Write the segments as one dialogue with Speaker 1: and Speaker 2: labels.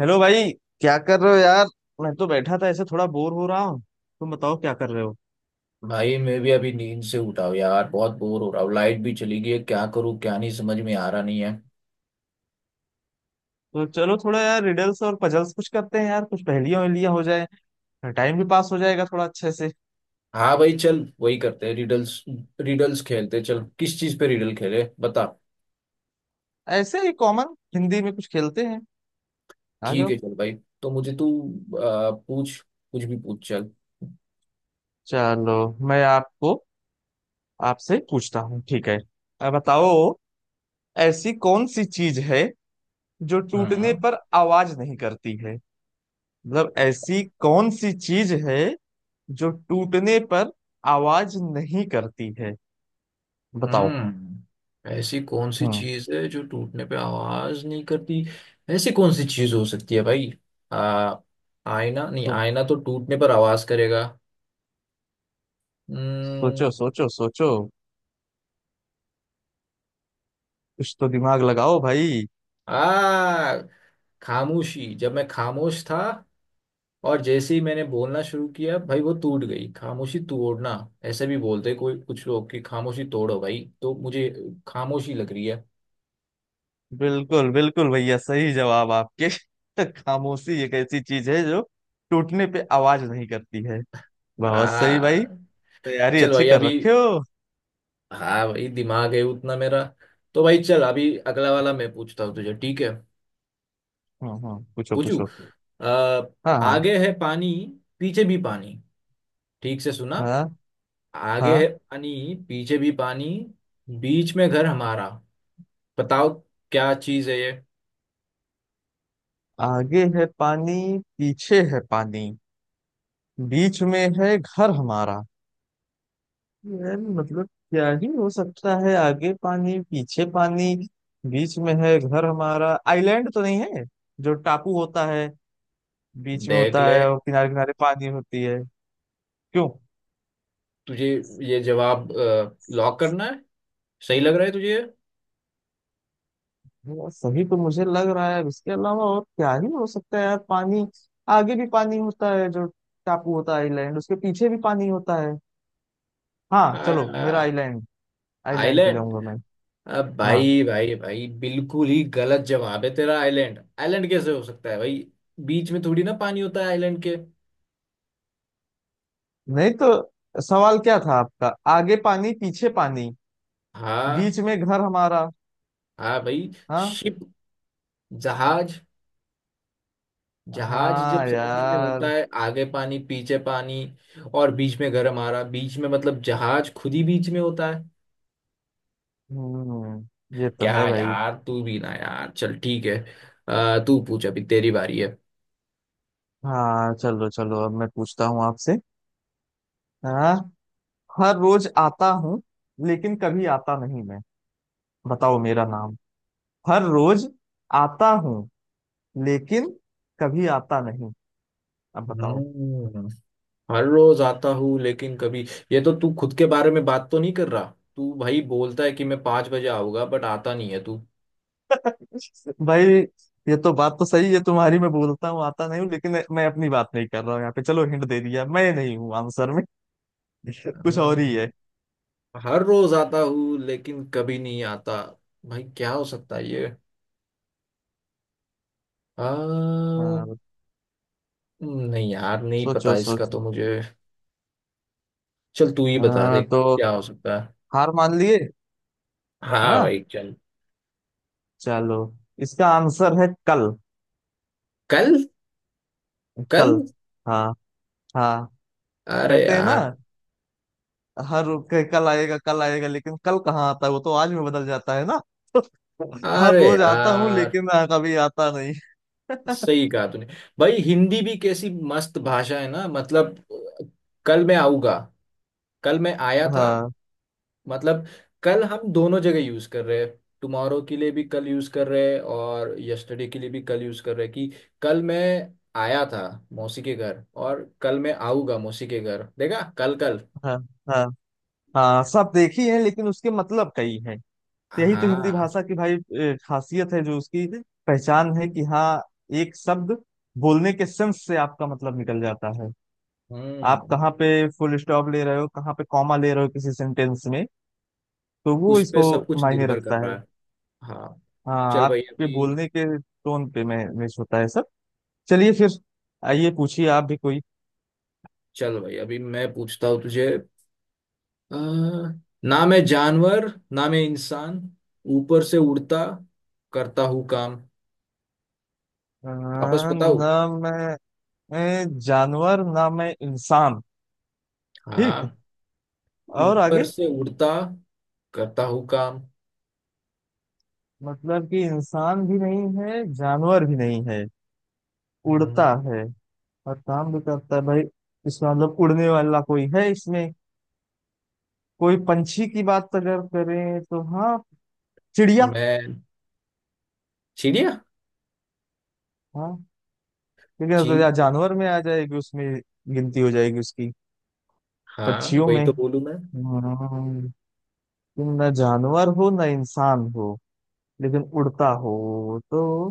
Speaker 1: Hello भाई। क्या कर रहे हो यार? मैं तो बैठा था ऐसे, थोड़ा बोर हो रहा हूँ। तुम बताओ क्या कर रहे हो।
Speaker 2: भाई मैं भी अभी नींद से उठा हूँ यार। बहुत बोर हो रहा हूँ। लाइट भी चली गई है। क्या करूँ क्या नहीं समझ में आ रहा नहीं है।
Speaker 1: तो चलो थोड़ा यार, रिडल्स और पजल्स कुछ करते हैं यार, कुछ पहेलियां वहेलियां हो जाए। टाइम भी पास हो जाएगा थोड़ा अच्छे से।
Speaker 2: हाँ भाई, चल वही करते हैं। रिडल्स, रिडल्स खेलते हैं, चल किस चीज पे रिडल खेले बता।
Speaker 1: ऐसे ही कॉमन हिंदी में कुछ खेलते हैं। आ
Speaker 2: ठीक
Speaker 1: जाओ।
Speaker 2: है चल भाई। तो मुझे तू, पूछ, कुछ भी पूछ, चल।
Speaker 1: चलो, मैं आपको आपसे पूछता हूँ, ठीक है? अब बताओ, ऐसी कौन सी चीज है जो टूटने
Speaker 2: हाँ।
Speaker 1: पर आवाज नहीं करती है। मतलब ऐसी कौन सी चीज है जो टूटने पर आवाज नहीं करती है? बताओ।
Speaker 2: ऐसी कौन सी
Speaker 1: हम्म।
Speaker 2: चीज है जो टूटने पे आवाज नहीं करती? ऐसी कौन सी चीज हो सकती है भाई? आ, आईना? नहीं,
Speaker 1: सो,
Speaker 2: आईना तो टूटने पर आवाज करेगा।
Speaker 1: सोचो
Speaker 2: हम्म
Speaker 1: सोचो सोचो। कुछ तो दिमाग लगाओ भाई।
Speaker 2: आ खामोशी। जब मैं खामोश था और जैसे ही मैंने बोलना शुरू किया भाई, वो टूट गई। खामोशी तोड़ना ऐसे भी बोलते हैं कोई कुछ लोग कि खामोशी तोड़ो भाई। तो मुझे खामोशी लग रही है।
Speaker 1: बिल्कुल बिल्कुल भैया, सही जवाब आपके। खामोशी एक ऐसी चीज है जो टूटने पे आवाज नहीं करती है। बहुत सही भाई।
Speaker 2: आ
Speaker 1: तैयारी
Speaker 2: चल
Speaker 1: अच्छी
Speaker 2: भाई
Speaker 1: कर
Speaker 2: अभी।
Speaker 1: रखे हो।
Speaker 2: हाँ भाई, दिमाग है उतना मेरा। तो भाई चल, अभी अगला वाला मैं पूछता हूँ तुझे, ठीक है?
Speaker 1: हम्म, पूछो
Speaker 2: पूछू।
Speaker 1: पूछो।
Speaker 2: आ,
Speaker 1: हाँ हाँ।
Speaker 2: आगे है पानी, पीछे भी पानी। ठीक से सुना?
Speaker 1: हाँ
Speaker 2: आगे है
Speaker 1: हाँ,
Speaker 2: पानी, पीछे भी पानी। बीच में घर हमारा। बताओ, क्या चीज है ये।
Speaker 1: आगे है पानी, पीछे है पानी, बीच में है घर हमारा। यार मतलब क्या ही हो सकता है? आगे पानी, पीछे पानी, बीच में है घर हमारा। आइलैंड तो नहीं है, जो टापू होता है, बीच में
Speaker 2: देख
Speaker 1: होता
Speaker 2: ले,
Speaker 1: है और किनारे किनारे पानी होती है? क्यों?
Speaker 2: तुझे ये जवाब लॉक करना है? सही लग रहा है तुझे?
Speaker 1: वो सही तो मुझे लग रहा है। इसके अलावा और क्या ही हो सकता है यार। पानी आगे भी पानी होता है जो, टापू होता है आइलैंड, उसके पीछे भी पानी होता है। हाँ चलो, मेरा
Speaker 2: आ,
Speaker 1: आइलैंड, आइलैंड पे
Speaker 2: आइलैंड?
Speaker 1: जाऊंगा मैं।
Speaker 2: अब
Speaker 1: हाँ
Speaker 2: भाई भाई भाई, बिल्कुल ही गलत जवाब है तेरा। आइलैंड, आइलैंड कैसे हो सकता है भाई? बीच में थोड़ी ना पानी होता है आइलैंड के।
Speaker 1: नहीं, तो सवाल क्या था आपका? आगे पानी, पीछे पानी,
Speaker 2: हाँ
Speaker 1: बीच में घर हमारा।
Speaker 2: हाँ भाई,
Speaker 1: हाँ
Speaker 2: शिप, जहाज। जहाज जब
Speaker 1: हाँ
Speaker 2: समुद्र में होता
Speaker 1: यार।
Speaker 2: है, आगे पानी, पीछे पानी, और बीच में गर्म आ रहा। बीच में मतलब जहाज खुद ही बीच में होता है।
Speaker 1: हम्म, ये तो है
Speaker 2: क्या
Speaker 1: भाई।
Speaker 2: यार, तू भी ना यार, चल ठीक है। तू पूछ, अभी तेरी बारी है।
Speaker 1: हाँ चलो चलो, अब मैं पूछता हूँ आपसे। हाँ, हर रोज आता हूँ लेकिन कभी आता नहीं मैं। बताओ मेरा नाम। हर रोज आता हूँ, लेकिन कभी आता नहीं। अब बताओ।
Speaker 2: हम्म हर रोज आता हूँ लेकिन कभी। ये तो तू खुद के बारे में बात तो नहीं कर रहा? तू भाई बोलता है कि मैं 5 बजे आऊंगा, बट आता नहीं है तू।
Speaker 1: भाई ये तो बात तो सही है तुम्हारी, मैं बोलता हूँ आता नहीं हूँ, लेकिन मैं अपनी बात नहीं कर रहा हूँ यहाँ पे। चलो हिंट दे दिया, मैं नहीं हूँ आंसर में। कुछ और ही
Speaker 2: हम्म,
Speaker 1: है।
Speaker 2: हर रोज आता हूँ लेकिन कभी नहीं आता। भाई क्या हो सकता है ये? आ,
Speaker 1: हाँ,
Speaker 2: नहीं यार, नहीं
Speaker 1: सोचो
Speaker 2: पता इसका
Speaker 1: सोचो।
Speaker 2: तो मुझे। चल तू ही
Speaker 1: अ,
Speaker 2: बता दे
Speaker 1: तो
Speaker 2: क्या हो सकता है।
Speaker 1: हार मान लिए?
Speaker 2: हाँ
Speaker 1: हाँ
Speaker 2: भाई चल।
Speaker 1: चलो, इसका आंसर है कल।
Speaker 2: कल? कल?
Speaker 1: कल। हाँ हाँ।
Speaker 2: अरे
Speaker 1: कहते हैं ना,
Speaker 2: यार,
Speaker 1: हर कल आएगा कल आएगा, लेकिन कल कहाँ आता है? वो तो आज में बदल जाता है ना। तो हर
Speaker 2: अरे
Speaker 1: रोज आता हूँ
Speaker 2: यार,
Speaker 1: लेकिन कभी आता नहीं।
Speaker 2: सही कहा तूने। भाई हिंदी भी कैसी मस्त भाषा है ना। मतलब कल मैं आऊंगा, कल मैं आया था,
Speaker 1: हाँ
Speaker 2: मतलब कल हम दोनों जगह यूज कर रहे हैं। टुमारो के लिए भी कल यूज कर रहे हैं, और यस्टरडे के लिए भी कल यूज कर रहे हैं कि कल मैं आया था मौसी के घर, और कल मैं आऊंगा मौसी के घर। देखा, कल, कल।
Speaker 1: हाँ। हाँ हाँ सब देखी है, लेकिन उसके मतलब कई हैं। यही तो हिंदी
Speaker 2: हाँ।
Speaker 1: भाषा की भाई खासियत है, जो उसकी पहचान है कि हाँ, एक शब्द बोलने के सेंस से आपका मतलब निकल जाता है। आप
Speaker 2: हम्म
Speaker 1: कहाँ पे फुल स्टॉप ले रहे हो, कहाँ पे कॉमा ले रहे हो किसी सेंटेंस में, तो वो
Speaker 2: उस पे
Speaker 1: इसको
Speaker 2: सब कुछ
Speaker 1: मायने
Speaker 2: निर्भर कर
Speaker 1: रखता
Speaker 2: रहा
Speaker 1: है।
Speaker 2: है। हाँ
Speaker 1: हाँ,
Speaker 2: चल भाई
Speaker 1: आपके
Speaker 2: अभी,
Speaker 1: बोलने के टोन पे मैच होता है सब। चलिए फिर, आइए पूछिए आप भी कोई।
Speaker 2: चल भाई अभी मैं पूछता हूँ तुझे। अ, ना मैं जानवर, ना मैं इंसान, ऊपर से उड़ता, करता हूँ काम।
Speaker 1: अ,
Speaker 2: वापस बताऊँ?
Speaker 1: ना मैं मैं जानवर ना मैं इंसान। ठीक,
Speaker 2: हाँ।
Speaker 1: और
Speaker 2: ऊपर
Speaker 1: आगे?
Speaker 2: से उड़ता, करता हूँ काम।
Speaker 1: मतलब कि इंसान भी नहीं है, जानवर भी नहीं है, उड़ता
Speaker 2: हम्म,
Speaker 1: है और काम भी करता है भाई। इसका मतलब उड़ने वाला कोई है इसमें। कोई पंछी की बात अगर करें, तो हाँ चिड़िया।
Speaker 2: मैं चिड़िया।
Speaker 1: हाँ, क्योंकि अब तो
Speaker 2: चीड़।
Speaker 1: या जानवर में आ जाएगी, उसमें गिनती हो जाएगी उसकी,
Speaker 2: हाँ
Speaker 1: पक्षियों
Speaker 2: वही
Speaker 1: में।
Speaker 2: तो बोलूँ मैं।
Speaker 1: हम्म, तुम न जानवर हो न इंसान हो, लेकिन उड़ता हो, तो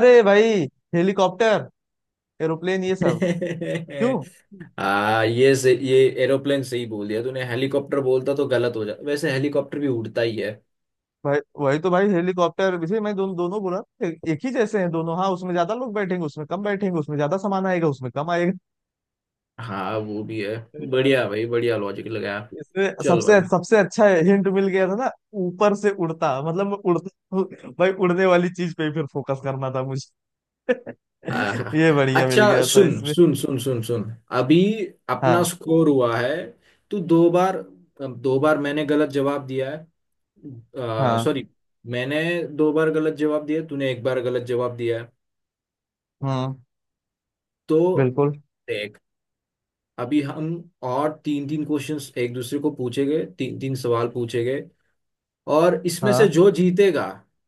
Speaker 1: अरे भाई हेलीकॉप्टर, एरोप्लेन ये सब। क्यों?
Speaker 2: हाँ, ये एरोप्लेन सही बोल दिया तूने। हेलीकॉप्टर बोलता तो गलत हो जाता, वैसे हेलीकॉप्टर भी उड़ता ही है।
Speaker 1: भाई वही तो भाई, हेलीकॉप्टर जैसे मैं दोनों दोनों बोला। एक ही जैसे हैं दोनों। हाँ उसमें ज्यादा लोग बैठेंगे, उसमें कम बैठेंगे, उसमें ज्यादा सामान आएगा, उसमें कम
Speaker 2: हाँ, वो भी है।
Speaker 1: आएगा।
Speaker 2: बढ़िया भाई बढ़िया, लॉजिक लगाया।
Speaker 1: इसमें
Speaker 2: चल
Speaker 1: सबसे
Speaker 2: भाई।
Speaker 1: सबसे अच्छा हिंट मिल गया था ना, ऊपर से उड़ता, मतलब मैं उड़ता हूँ। भाई उड़ने वाली चीज पे ही फिर फोकस करना था मुझे।
Speaker 2: आहा,
Speaker 1: ये बढ़िया मिल
Speaker 2: अच्छा।
Speaker 1: गया था
Speaker 2: सुन
Speaker 1: इसमें।
Speaker 2: सुन सुन सुन सुन, अभी अपना
Speaker 1: हाँ
Speaker 2: स्कोर हुआ है। तू दो बार, दो बार मैंने गलत जवाब दिया है।
Speaker 1: हाँ।
Speaker 2: सॉरी, मैंने दो बार गलत जवाब दिया है, तूने एक बार गलत जवाब दिया है।
Speaker 1: हम्म,
Speaker 2: तो
Speaker 1: बिल्कुल।
Speaker 2: देख, अभी हम और तीन तीन क्वेश्चंस एक दूसरे को पूछेंगे, तीन तीन सवाल पूछेंगे। और इसमें से
Speaker 1: हाँ
Speaker 2: जो जीतेगा,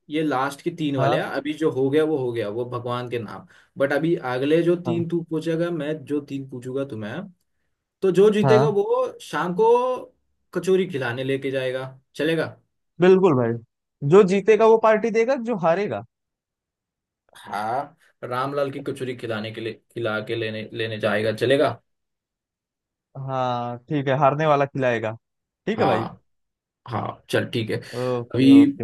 Speaker 2: ये लास्ट के तीन वाले
Speaker 1: हाँ।
Speaker 2: हैं। अभी जो हो गया वो हो गया, वो भगवान के नाम। बट अभी अगले जो
Speaker 1: हाँ
Speaker 2: तीन तू पूछेगा, मैं जो तीन पूछूंगा तुम्हें, हाँ, तो जो जीतेगा
Speaker 1: हाँ
Speaker 2: वो शाम को कचौरी खिलाने लेके जाएगा। चलेगा?
Speaker 1: बिल्कुल भाई, जो जीतेगा वो पार्टी देगा, जो हारेगा।
Speaker 2: हाँ, रामलाल की कचौरी खिलाने के लिए, खिला के लेने लेने जाएगा, चलेगा?
Speaker 1: हाँ ठीक है, हारने वाला खिलाएगा। ठीक है भाई।
Speaker 2: हाँ हाँ चल ठीक है।
Speaker 1: ओके
Speaker 2: अभी
Speaker 1: ओके।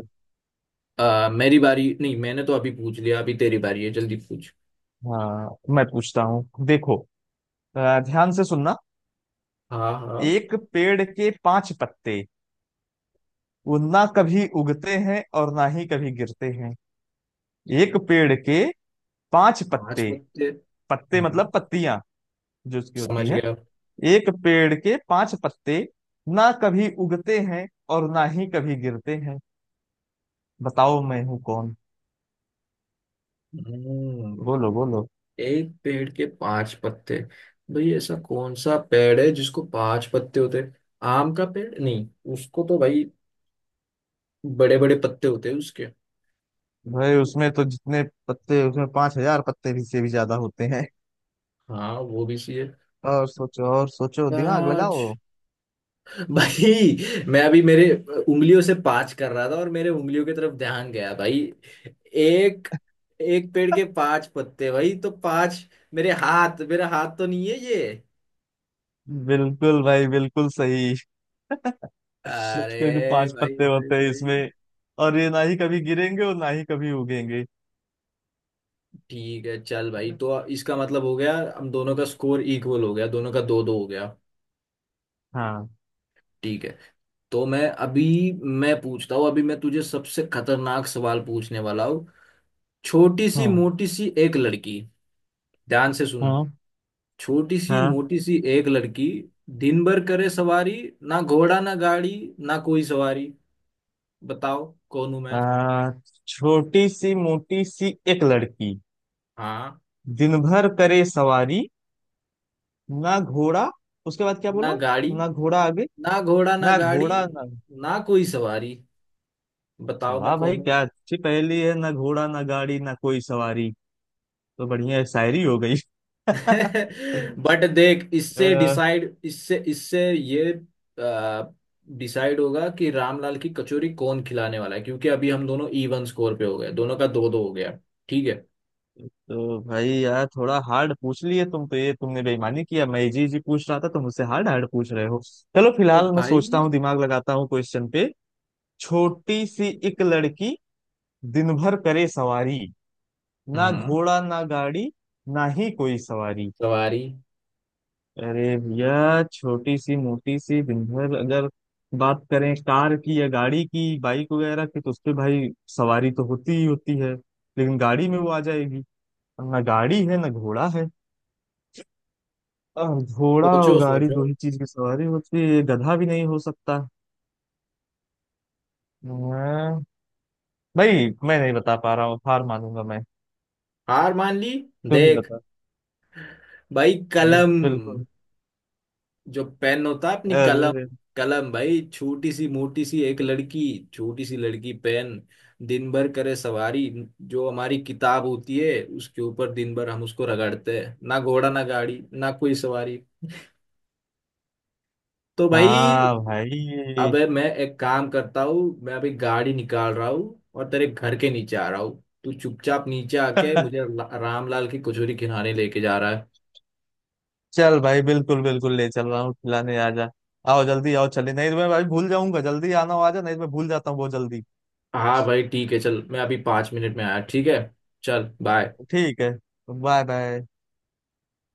Speaker 2: मेरी बारी नहीं, मैंने तो अभी पूछ लिया, अभी तेरी बारी है, जल्दी पूछ।
Speaker 1: हाँ मैं पूछता हूँ, देखो, ध्यान से सुनना।
Speaker 2: हाँ हाँ।
Speaker 1: एक पेड़ के पांच पत्ते, वो ना कभी उगते हैं और ना ही कभी गिरते हैं। एक पेड़ के पांच
Speaker 2: पांच
Speaker 1: पत्ते।
Speaker 2: पत्ते?
Speaker 1: पत्ते
Speaker 2: हाँ,
Speaker 1: मतलब पत्तियां, जो उसकी होती
Speaker 2: समझ
Speaker 1: है।
Speaker 2: गया।
Speaker 1: एक पेड़ के पांच पत्ते, ना कभी उगते हैं और ना ही कभी गिरते हैं। बताओ मैं हूं कौन।
Speaker 2: हम्म,
Speaker 1: बोलो बोलो।
Speaker 2: एक पेड़ के पांच पत्ते? भाई ऐसा कौन सा पेड़ है जिसको पांच पत्ते होते हैं? आम का पेड़? नहीं, उसको तो भाई बड़े बड़े पत्ते होते हैं उसके।
Speaker 1: भाई उसमें तो जितने पत्ते, उसमें 5,000 पत्ते भी से भी ज्यादा होते हैं।
Speaker 2: हाँ, वो भी चाहिए।
Speaker 1: और सोचो और सोचो, दिमाग
Speaker 2: पाँच।
Speaker 1: लगाओ।
Speaker 2: भाई मैं अभी मेरे उंगलियों से पाँच कर रहा था, और मेरे उंगलियों की तरफ ध्यान गया भाई। एक एक पेड़ के पांच पत्ते, भाई तो पांच। मेरे हाथ मेरा हाथ तो नहीं है ये?
Speaker 1: बिल्कुल भाई बिल्कुल सही। क्योंकि
Speaker 2: अरे
Speaker 1: पांच
Speaker 2: भाई
Speaker 1: पत्ते
Speaker 2: भाई
Speaker 1: होते हैं
Speaker 2: भाई।
Speaker 1: इसमें, और ये ना ही कभी गिरेंगे और ना ही कभी उगेंगे।
Speaker 2: ठीक है चल भाई, तो इसका मतलब हो गया, हम दोनों का स्कोर इक्वल हो गया, दोनों का दो दो हो गया।
Speaker 1: हाँ
Speaker 2: ठीक है। तो मैं अभी, मैं पूछता हूँ, अभी मैं तुझे सबसे खतरनाक सवाल पूछने वाला हूँ। छोटी सी
Speaker 1: हाँ।
Speaker 2: मोटी सी एक लड़की। ध्यान से सुन।
Speaker 1: हाँ
Speaker 2: छोटी सी
Speaker 1: हाँ।
Speaker 2: मोटी सी एक लड़की, दिन भर करे सवारी, ना घोड़ा, ना गाड़ी, ना कोई सवारी। बताओ कौन हूं मैं।
Speaker 1: आ, छोटी सी मोटी सी एक लड़की,
Speaker 2: हाँ।
Speaker 1: दिन भर करे सवारी, ना घोड़ा। उसके बाद क्या
Speaker 2: ना
Speaker 1: बोला?
Speaker 2: गाड़ी।
Speaker 1: ना घोड़ा, आगे?
Speaker 2: ना घोड़ा, ना
Speaker 1: ना
Speaker 2: गाड़ी,
Speaker 1: घोड़ा ना।
Speaker 2: ना कोई सवारी।
Speaker 1: अच्छा,
Speaker 2: बताओ मैं
Speaker 1: वाह भाई
Speaker 2: कौन हूँ।
Speaker 1: क्या अच्छी पहेली है, ना घोड़ा ना गाड़ी ना कोई सवारी, तो बढ़िया शायरी हो गई।
Speaker 2: बट देख, इससे
Speaker 1: अ,
Speaker 2: डिसाइड इससे इससे ये डिसाइड होगा कि रामलाल की कचौरी कौन खिलाने वाला है, क्योंकि अभी हम दोनों इवन स्कोर पे हो गए, दोनों का दो दो हो गया। ठीक है।
Speaker 1: तो भाई यार, थोड़ा हार्ड पूछ लिए तुम तो, ये तुमने बेईमानी किया। मैं इजी इजी पूछ रहा था, तुम मुझसे हार्ड हार्ड पूछ रहे हो। चलो
Speaker 2: तो
Speaker 1: फिलहाल मैं
Speaker 2: भाई
Speaker 1: सोचता हूँ, दिमाग लगाता हूँ क्वेश्चन पे। छोटी सी एक लड़की, दिन भर करे सवारी, ना
Speaker 2: हम्म
Speaker 1: घोड़ा ना गाड़ी, ना ही कोई सवारी।
Speaker 2: सवारी।
Speaker 1: अरे भैया, छोटी सी मोटी सी दिन भर, अगर बात करें कार की या गाड़ी की, बाइक वगैरह की, तो उस पे भाई सवारी तो होती ही होती है, लेकिन गाड़ी में वो आ जाएगी। ना गाड़ी है ना घोड़ा है। अब घोड़ा और
Speaker 2: सोचो
Speaker 1: गाड़ी
Speaker 2: सोचो।
Speaker 1: दो ही चीज की सवारी होती है, ये गधा भी नहीं हो सकता। हाँ, भाई मैं नहीं बता पा रहा हूँ, हार मानूंगा मैं।
Speaker 2: हार मान ली?
Speaker 1: तुम ही
Speaker 2: देख
Speaker 1: बता।
Speaker 2: भाई, कलम,
Speaker 1: बिल्कुल,
Speaker 2: जो पेन होता है, अपनी कलम।
Speaker 1: अरे
Speaker 2: कलम भाई, छोटी सी मोटी सी एक लड़की, छोटी सी लड़की पेन। दिन भर करे सवारी, जो हमारी किताब होती है उसके ऊपर दिन भर हम उसको रगड़ते हैं। ना घोड़ा, ना गाड़ी, ना कोई सवारी। तो भाई,
Speaker 1: हाँ भाई।
Speaker 2: अबे मैं एक काम करता हूँ, मैं अभी गाड़ी निकाल रहा हूँ और तेरे घर के नीचे आ रहा हूँ। तू चुपचाप नीचे आके मुझे रामलाल की कचौरी खिलाने लेके जा रहा है।
Speaker 1: चल भाई, बिल्कुल बिल्कुल ले चल रहा हूँ खिलाने, आ जा। आओ जल्दी आओ, चले नहीं तो मैं भाई भूल जाऊंगा, जल्दी आना, हो आ जा नहीं तो मैं भूल जाता हूँ बहुत जल्दी।
Speaker 2: हाँ भाई ठीक है। चल, मैं अभी 5 मिनट में आया, ठीक है? चल, बाय।
Speaker 1: ठीक है। Bye bye.